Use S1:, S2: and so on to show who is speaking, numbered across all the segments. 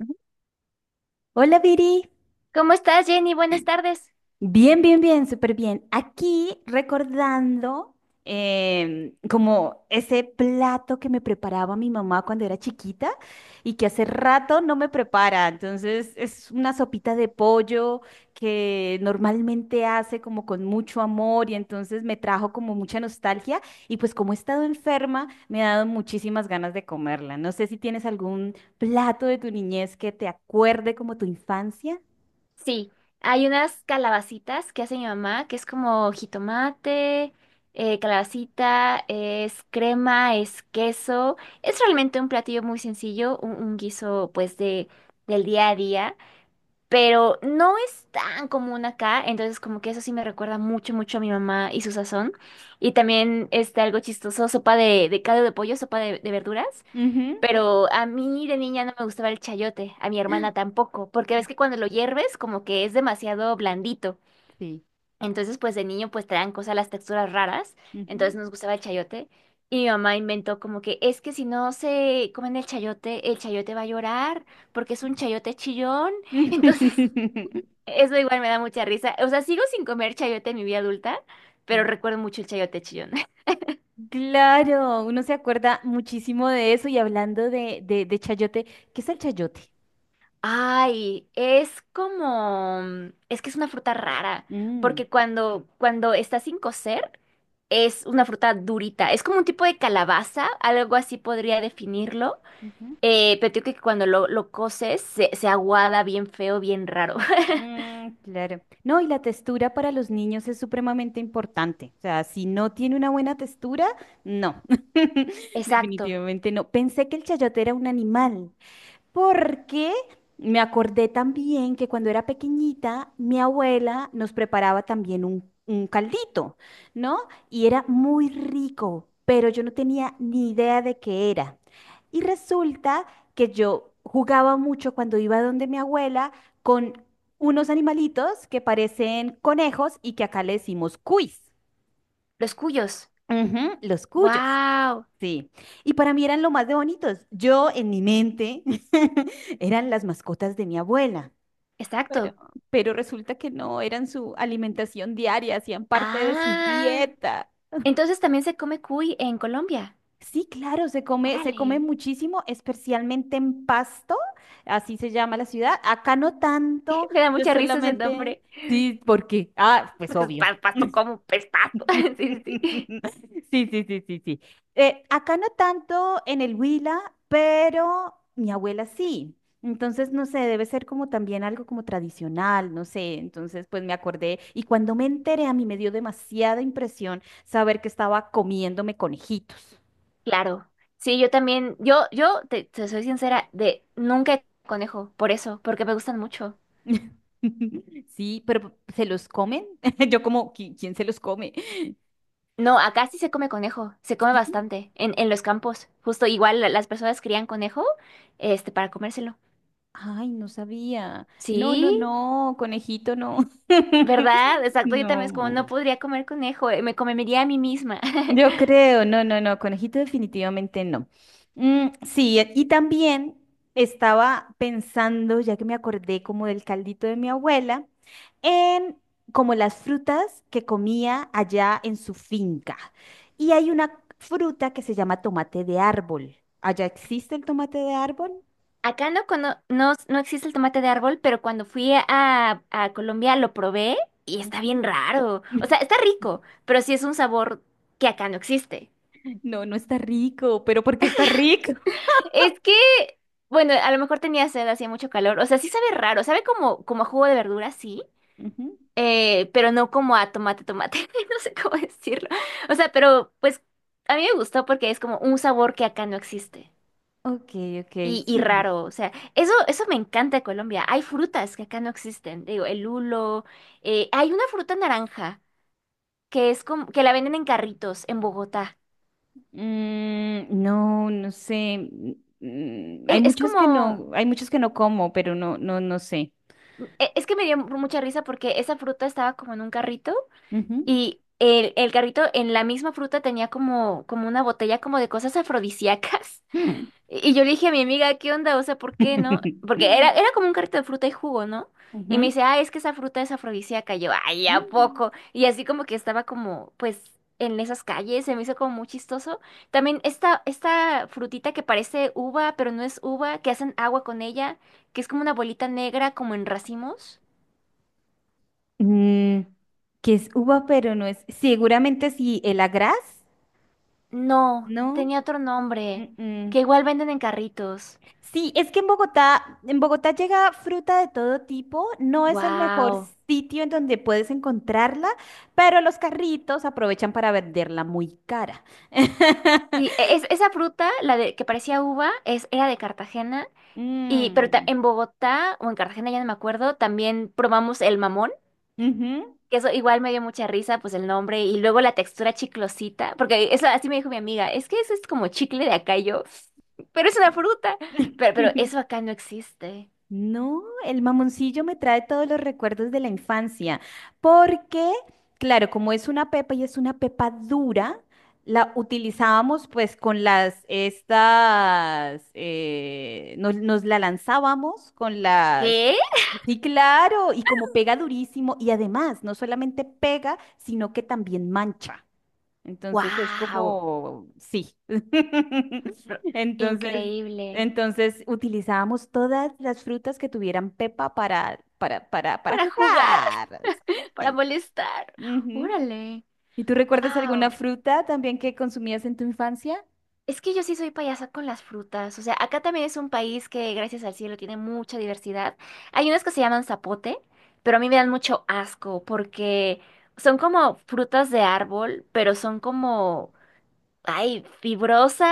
S1: Ujú.
S2: Hola, Viri.
S1: ¿Cómo estás, Jenny? Buenas tardes.
S2: Bien, bien, bien, súper bien. Aquí recordando como ese plato que me preparaba mi mamá cuando era chiquita y que hace rato no me prepara. Entonces es una sopita de pollo que normalmente hace como con mucho amor y entonces me trajo como mucha nostalgia y pues como he estado enferma me ha dado muchísimas ganas de comerla. No sé si tienes algún plato de tu niñez que te acuerde como tu infancia.
S1: Sí, hay unas calabacitas que hace mi mamá, que es como jitomate, calabacita, es crema, es queso. Es realmente un platillo muy sencillo, un guiso pues del día a día, pero no es tan común acá, entonces como que eso sí me recuerda mucho, mucho a mi mamá y su sazón. Y también está algo chistoso, sopa de caldo de pollo, sopa de verduras.
S2: Ujú.
S1: Pero a mí de niña no me gustaba el chayote, a mi hermana tampoco, porque ves que cuando lo hierves como que es demasiado blandito.
S2: Sí.
S1: Entonces, pues de niño pues traen cosas las texturas raras,
S2: Ujú.
S1: entonces nos gustaba el chayote. Y mi mamá inventó como que es que si no se comen el chayote va a llorar porque es un chayote chillón. Entonces, eso igual me da mucha risa. O sea, sigo sin comer chayote en mi vida adulta, pero
S2: Sí.
S1: recuerdo mucho el chayote chillón.
S2: Claro, uno se acuerda muchísimo de eso y hablando de chayote, ¿qué es el chayote?
S1: Ay, es como, mm, es que es una fruta rara,
S2: Mm,
S1: porque cuando está sin cocer, es una fruta durita. Es como un tipo de calabaza, algo así podría definirlo.
S2: ujú.
S1: Pero digo que cuando lo coces, se aguada bien feo, bien raro.
S2: Mm, claro. No, y la textura para los niños es supremamente importante. O sea, si no tiene una buena textura, no.
S1: Exacto.
S2: Definitivamente no. Pensé que el chayote era un animal. Porque me acordé también que cuando era pequeñita, mi abuela nos preparaba también un caldito, ¿no? Y era muy rico, pero yo no tenía ni idea de qué era. Y resulta que yo jugaba mucho cuando iba donde mi abuela con unos animalitos que parecen conejos y que acá le decimos cuis.
S1: Los cuyos.
S2: Ujú, los cuyos.
S1: Wow.
S2: Sí, y para mí eran lo más de bonitos. Yo en mi mente eran las mascotas de mi abuela. Pero,
S1: Exacto.
S2: pero resulta que no, eran su alimentación diaria, hacían parte de su
S1: Ah.
S2: dieta.
S1: Entonces también se come cuy en Colombia.
S2: Sí, claro, se come
S1: Órale.
S2: muchísimo, especialmente en Pasto, así se llama la ciudad. Acá no tanto,
S1: Me da
S2: yo
S1: mucha risa ese
S2: solamente,
S1: nombre.
S2: sí, porque, ah, pues
S1: Porque es
S2: obvio.
S1: pasto como pestazo. Sí, sí. sí.
S2: Sí, sí, sí, sí, sí. Acá no tanto en el Huila, pero mi abuela sí. Entonces, no sé, debe ser como también algo como tradicional, no sé. Entonces, pues me acordé y cuando me enteré a mí me dio demasiada impresión saber que estaba comiéndome conejitos.
S1: Claro, sí, yo también, yo te soy sincera, de nunca he comido conejo, por eso, porque me gustan mucho.
S2: Sí, pero ¿se los comen? Yo como, "¿Qui- ¿quién se los come?"
S1: No, acá sí se come conejo, se come
S2: Sí.
S1: bastante, en los campos, justo igual las personas crían conejo, este, para comérselo.
S2: Ay, no sabía. No,
S1: Sí,
S2: no, no, conejito, no.
S1: ¿verdad? Exacto, yo también es como,
S2: No.
S1: no podría comer conejo, me comería a mí misma.
S2: Yo creo, no, no, no, conejito definitivamente no. Mm, sí, e- y también estaba pensando, ya que me acordé como del caldito de mi abuela, en como las frutas que comía allá en su finca. Y hay una fruta que se llama tomate de árbol. ¿Allá existe el tomate de árbol?
S1: Acá no, no, no existe el tomate de árbol, pero cuando fui a Colombia lo probé y está
S2: Ujú.
S1: bien raro. O sea, está rico, pero sí es un sabor que acá no existe.
S2: No, no está rico, pero ¿por qué está rico?
S1: Es que, bueno, a lo mejor tenía sed, hacía mucho calor. O sea, sí sabe raro, sabe como a jugo de verdura, sí,
S2: Ujú.
S1: pero no como a tomate, tomate. No sé cómo decirlo. O sea, pero pues a mí me gustó porque es como un sabor que acá no existe.
S2: Ok, ok,
S1: Y
S2: sí.
S1: raro, o sea, eso me encanta de Colombia. Hay frutas que acá no existen. Digo, el lulo. Eh, hay una fruta naranja que es como, que la venden en carritos en Bogotá.
S2: Mm, no, no sé. Mm, mm, hay
S1: E- Es,
S2: muchos que
S1: como,
S2: no, hay muchos que no como, pero no, no, no sé.
S1: es que me dio mucha risa porque esa fruta estaba como en un carrito.
S2: Ujú.
S1: Y el carrito en la misma fruta tenía como, como una botella como de cosas afrodisíacas.
S2: Mm.
S1: Y yo le dije a mi amiga, ¿qué onda? O sea, ¿por qué no? Porque era, era como un carrito de fruta y jugo, ¿no? Y me
S2: Ujú.
S1: dice, ah, es que esa fruta es afrodisíaca. Y yo, ay, ¿a
S2: Mm,
S1: poco? Y así como que estaba como, pues, en esas calles, se me hizo como muy chistoso. También esta frutita que parece uva, pero no es uva, que hacen agua con ella, que es como una bolita negra, como en racimos.
S2: mm, que es uva, pero no es. Seguramente sí, el agraz,
S1: No,
S2: ¿no?
S1: tenía otro nombre,
S2: Mm-mm.
S1: que igual venden en carritos.
S2: Sí, es que en Bogotá llega fruta de todo tipo. No es el mejor
S1: Wow.
S2: sitio en donde puedes encontrarla, pero los carritos aprovechan para venderla muy cara.
S1: Sí, esa fruta, la de que parecía uva, es, era de Cartagena, y, pero
S2: Mm,
S1: en Bogotá o en Cartagena, ya no me acuerdo, también probamos el mamón,
S2: ujú.
S1: que eso igual me dio mucha risa, pues el nombre, y luego la textura chiclosita, porque eso así me dijo mi amiga, es que eso es como chicle de acá, y yo, pero es una fruta, pero eso acá no existe.
S2: No, el mamoncillo me trae todos los recuerdos de la infancia, porque, claro, como es una pepa y es una pepa dura, la utilizábamos pues con las, estas, nos la lanzábamos con las...
S1: ¿Qué?
S2: Sí, claro, y como pega durísimo, y además no solamente pega, sino que también mancha. Entonces es
S1: Wow.
S2: como, sí. Entonces,
S1: Increíble.
S2: entonces utilizábamos todas las frutas que tuvieran pepa para
S1: Para jugar,
S2: jugar.
S1: para
S2: Exactamente.
S1: molestar.
S2: Ujú.
S1: Órale,
S2: ¿Y tú recuerdas alguna
S1: wow.
S2: fruta también que consumías en tu infancia?
S1: Es que yo sí soy payasa con las frutas. O sea, acá también es un país que, gracias al cielo, tiene mucha diversidad. Hay unas que se llaman zapote, pero a mí me dan mucho asco porque son como frutas de árbol, pero son como ay, fibrosas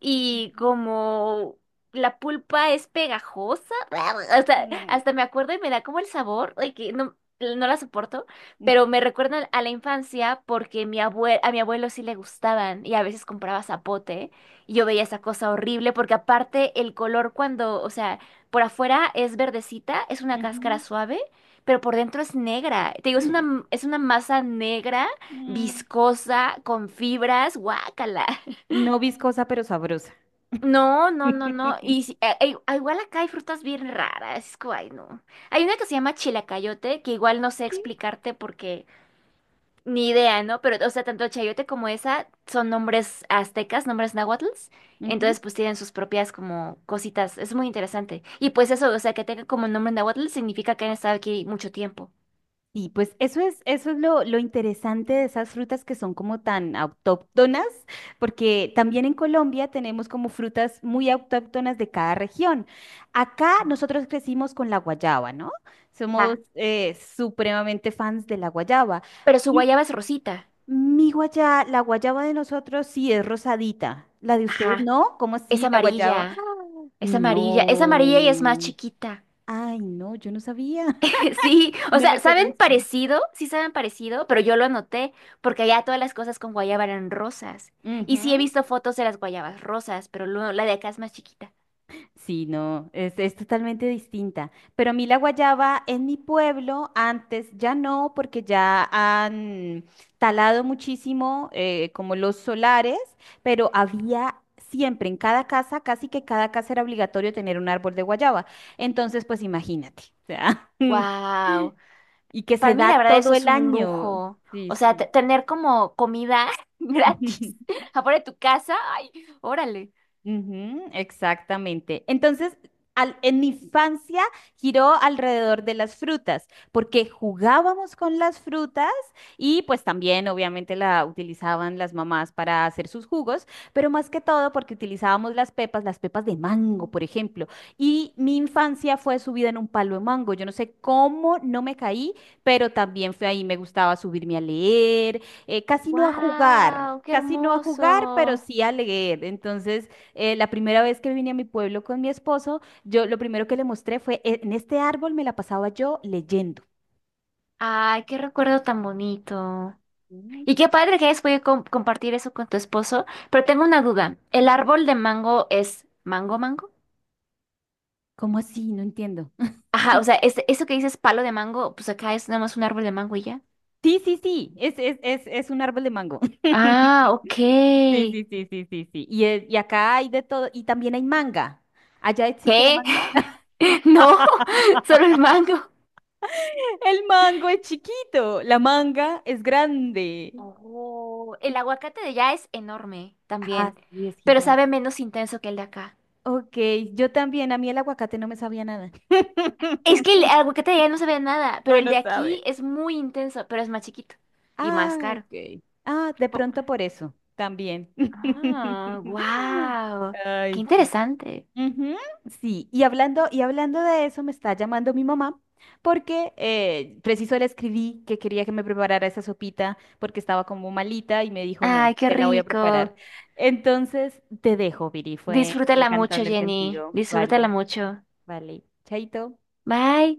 S1: y como la pulpa es pegajosa. Hasta,
S2: Mm,
S1: hasta me acuerdo y me da como el sabor, ay, que no, no la soporto,
S2: mm,
S1: pero me recuerdan a la infancia porque mi a mi abuelo sí le gustaban y a veces compraba zapote y yo veía esa cosa horrible porque aparte el color cuando, o sea, por afuera es verdecita, es una cáscara
S2: ujú.
S1: suave, pero por dentro es negra. Te digo, es una masa negra
S2: Mm.
S1: viscosa, con fibras, guácala.
S2: No viscosa, pero sabrosa.
S1: No, no, no, no. Y igual acá hay frutas bien raras. Es como, ay, no. Hay una que se llama chilacayote, que igual no sé
S2: ¿Qué?
S1: explicarte porque ni idea, ¿no? Pero, o sea, tanto el chayote como esa son nombres aztecas, nombres náhuatl. Entonces, pues tienen sus propias como cositas. Es muy interesante. Y pues eso, o sea, que tenga como nombre náhuatl significa que han estado aquí mucho tiempo.
S2: Y pues eso es lo interesante de esas frutas que son como tan autóctonas, porque también en Colombia tenemos como frutas muy autóctonas de cada región. Acá nosotros crecimos con la guayaba, ¿no? Somos
S1: Ajá.
S2: supremamente fans de la guayaba.
S1: Pero su
S2: Y
S1: guayaba es rosita.
S2: mi guayaba, la guayaba de nosotros sí es rosadita. La de ustedes
S1: Ajá.
S2: no, ¿cómo
S1: Es
S2: así la guayaba?
S1: amarilla,
S2: ¡Ah!
S1: es amarilla, es amarilla y es más
S2: No.
S1: chiquita.
S2: Ay, no, yo no sabía.
S1: Sí, o
S2: No la
S1: sea, saben
S2: conozco.
S1: parecido, sí saben parecido, pero yo lo anoté porque allá todas las cosas con guayaba eran rosas. Y sí he
S2: Ujú.
S1: visto fotos de las guayabas rosas, pero la de acá es más chiquita.
S2: Sí, no, es totalmente distinta. Pero a mí la guayaba en mi pueblo antes ya no, porque ya han talado muchísimo como los solares, pero había siempre en cada casa, casi que cada casa era obligatorio tener un árbol de guayaba. Entonces, pues imagínate, o sea,
S1: Wow,
S2: y que se
S1: para mí la
S2: da
S1: verdad eso
S2: todo
S1: es
S2: el
S1: un
S2: año.
S1: lujo.
S2: Sí,
S1: O sea,
S2: sí.
S1: tener como comida gratis afuera de tu casa, ay, órale.
S2: Ujú, exactamente. Entonces, al- en mi infancia giró alrededor de las frutas, porque jugábamos con las frutas y pues también obviamente la utilizaban las mamás para hacer sus jugos, pero más que todo porque utilizábamos las pepas de mango, por ejemplo. Y mi infancia fue subida en un palo de mango. Yo no sé cómo no me caí, pero también fue ahí, me gustaba subirme a leer, casi no a jugar.
S1: Wow, qué
S2: Casi no a jugar, pero
S1: hermoso.
S2: sí a leer. Entonces, la primera vez que vine a mi pueblo con mi esposo, yo lo primero que le mostré fue, "E- en este árbol me la pasaba yo leyendo."
S1: Ay, qué recuerdo tan bonito.
S2: Mm.
S1: Y qué padre que hayas podido compartir eso con tu esposo, pero tengo una duda. ¿El árbol de mango es mango mango?
S2: ¿Cómo así? No entiendo.
S1: Ajá, o sea, es, eso que dices palo de mango, pues acá es nada más un árbol de mango y ya.
S2: Sí, sí, sí, es un árbol de mango.
S1: Ah, ok.
S2: Sí, sí, sí, sí, sí, sí. Y, es- y acá hay de todo, y también hay manga. ¿Allá existe la
S1: ¿Qué?
S2: manga?
S1: No, solo el mango.
S2: El mango es chiquito, la manga es grande.
S1: Oh, el aguacate de allá es enorme
S2: Ah,
S1: también,
S2: sí, es
S1: pero
S2: gigante.
S1: sabe menos intenso que el de acá.
S2: Ok, yo también, a mí el aguacate no me sabía nada.
S1: Es que el aguacate de allá no sabe a nada, pero
S2: No,
S1: el
S2: no
S1: de aquí
S2: sabe.
S1: es muy intenso, pero es más chiquito y más
S2: Ah,
S1: caro.
S2: ok. Ah, de pronto por eso, también.
S1: Ah, wow. Qué
S2: Ay, sí.
S1: interesante.
S2: Ujú, sí, y hablando de eso, me está llamando mi mamá porque preciso le escribí que quería que me preparara esa sopita porque estaba como malita y me dijo, no,
S1: Ay, qué
S2: te la voy a preparar.
S1: rico.
S2: Entonces, te dejo, Viri, fue, me
S1: Disfrútala
S2: encantó
S1: mucho,
S2: hablar
S1: Jenny.
S2: contigo.
S1: Disfrútala
S2: Vale,
S1: mucho.
S2: vale. Chaito.
S1: Bye.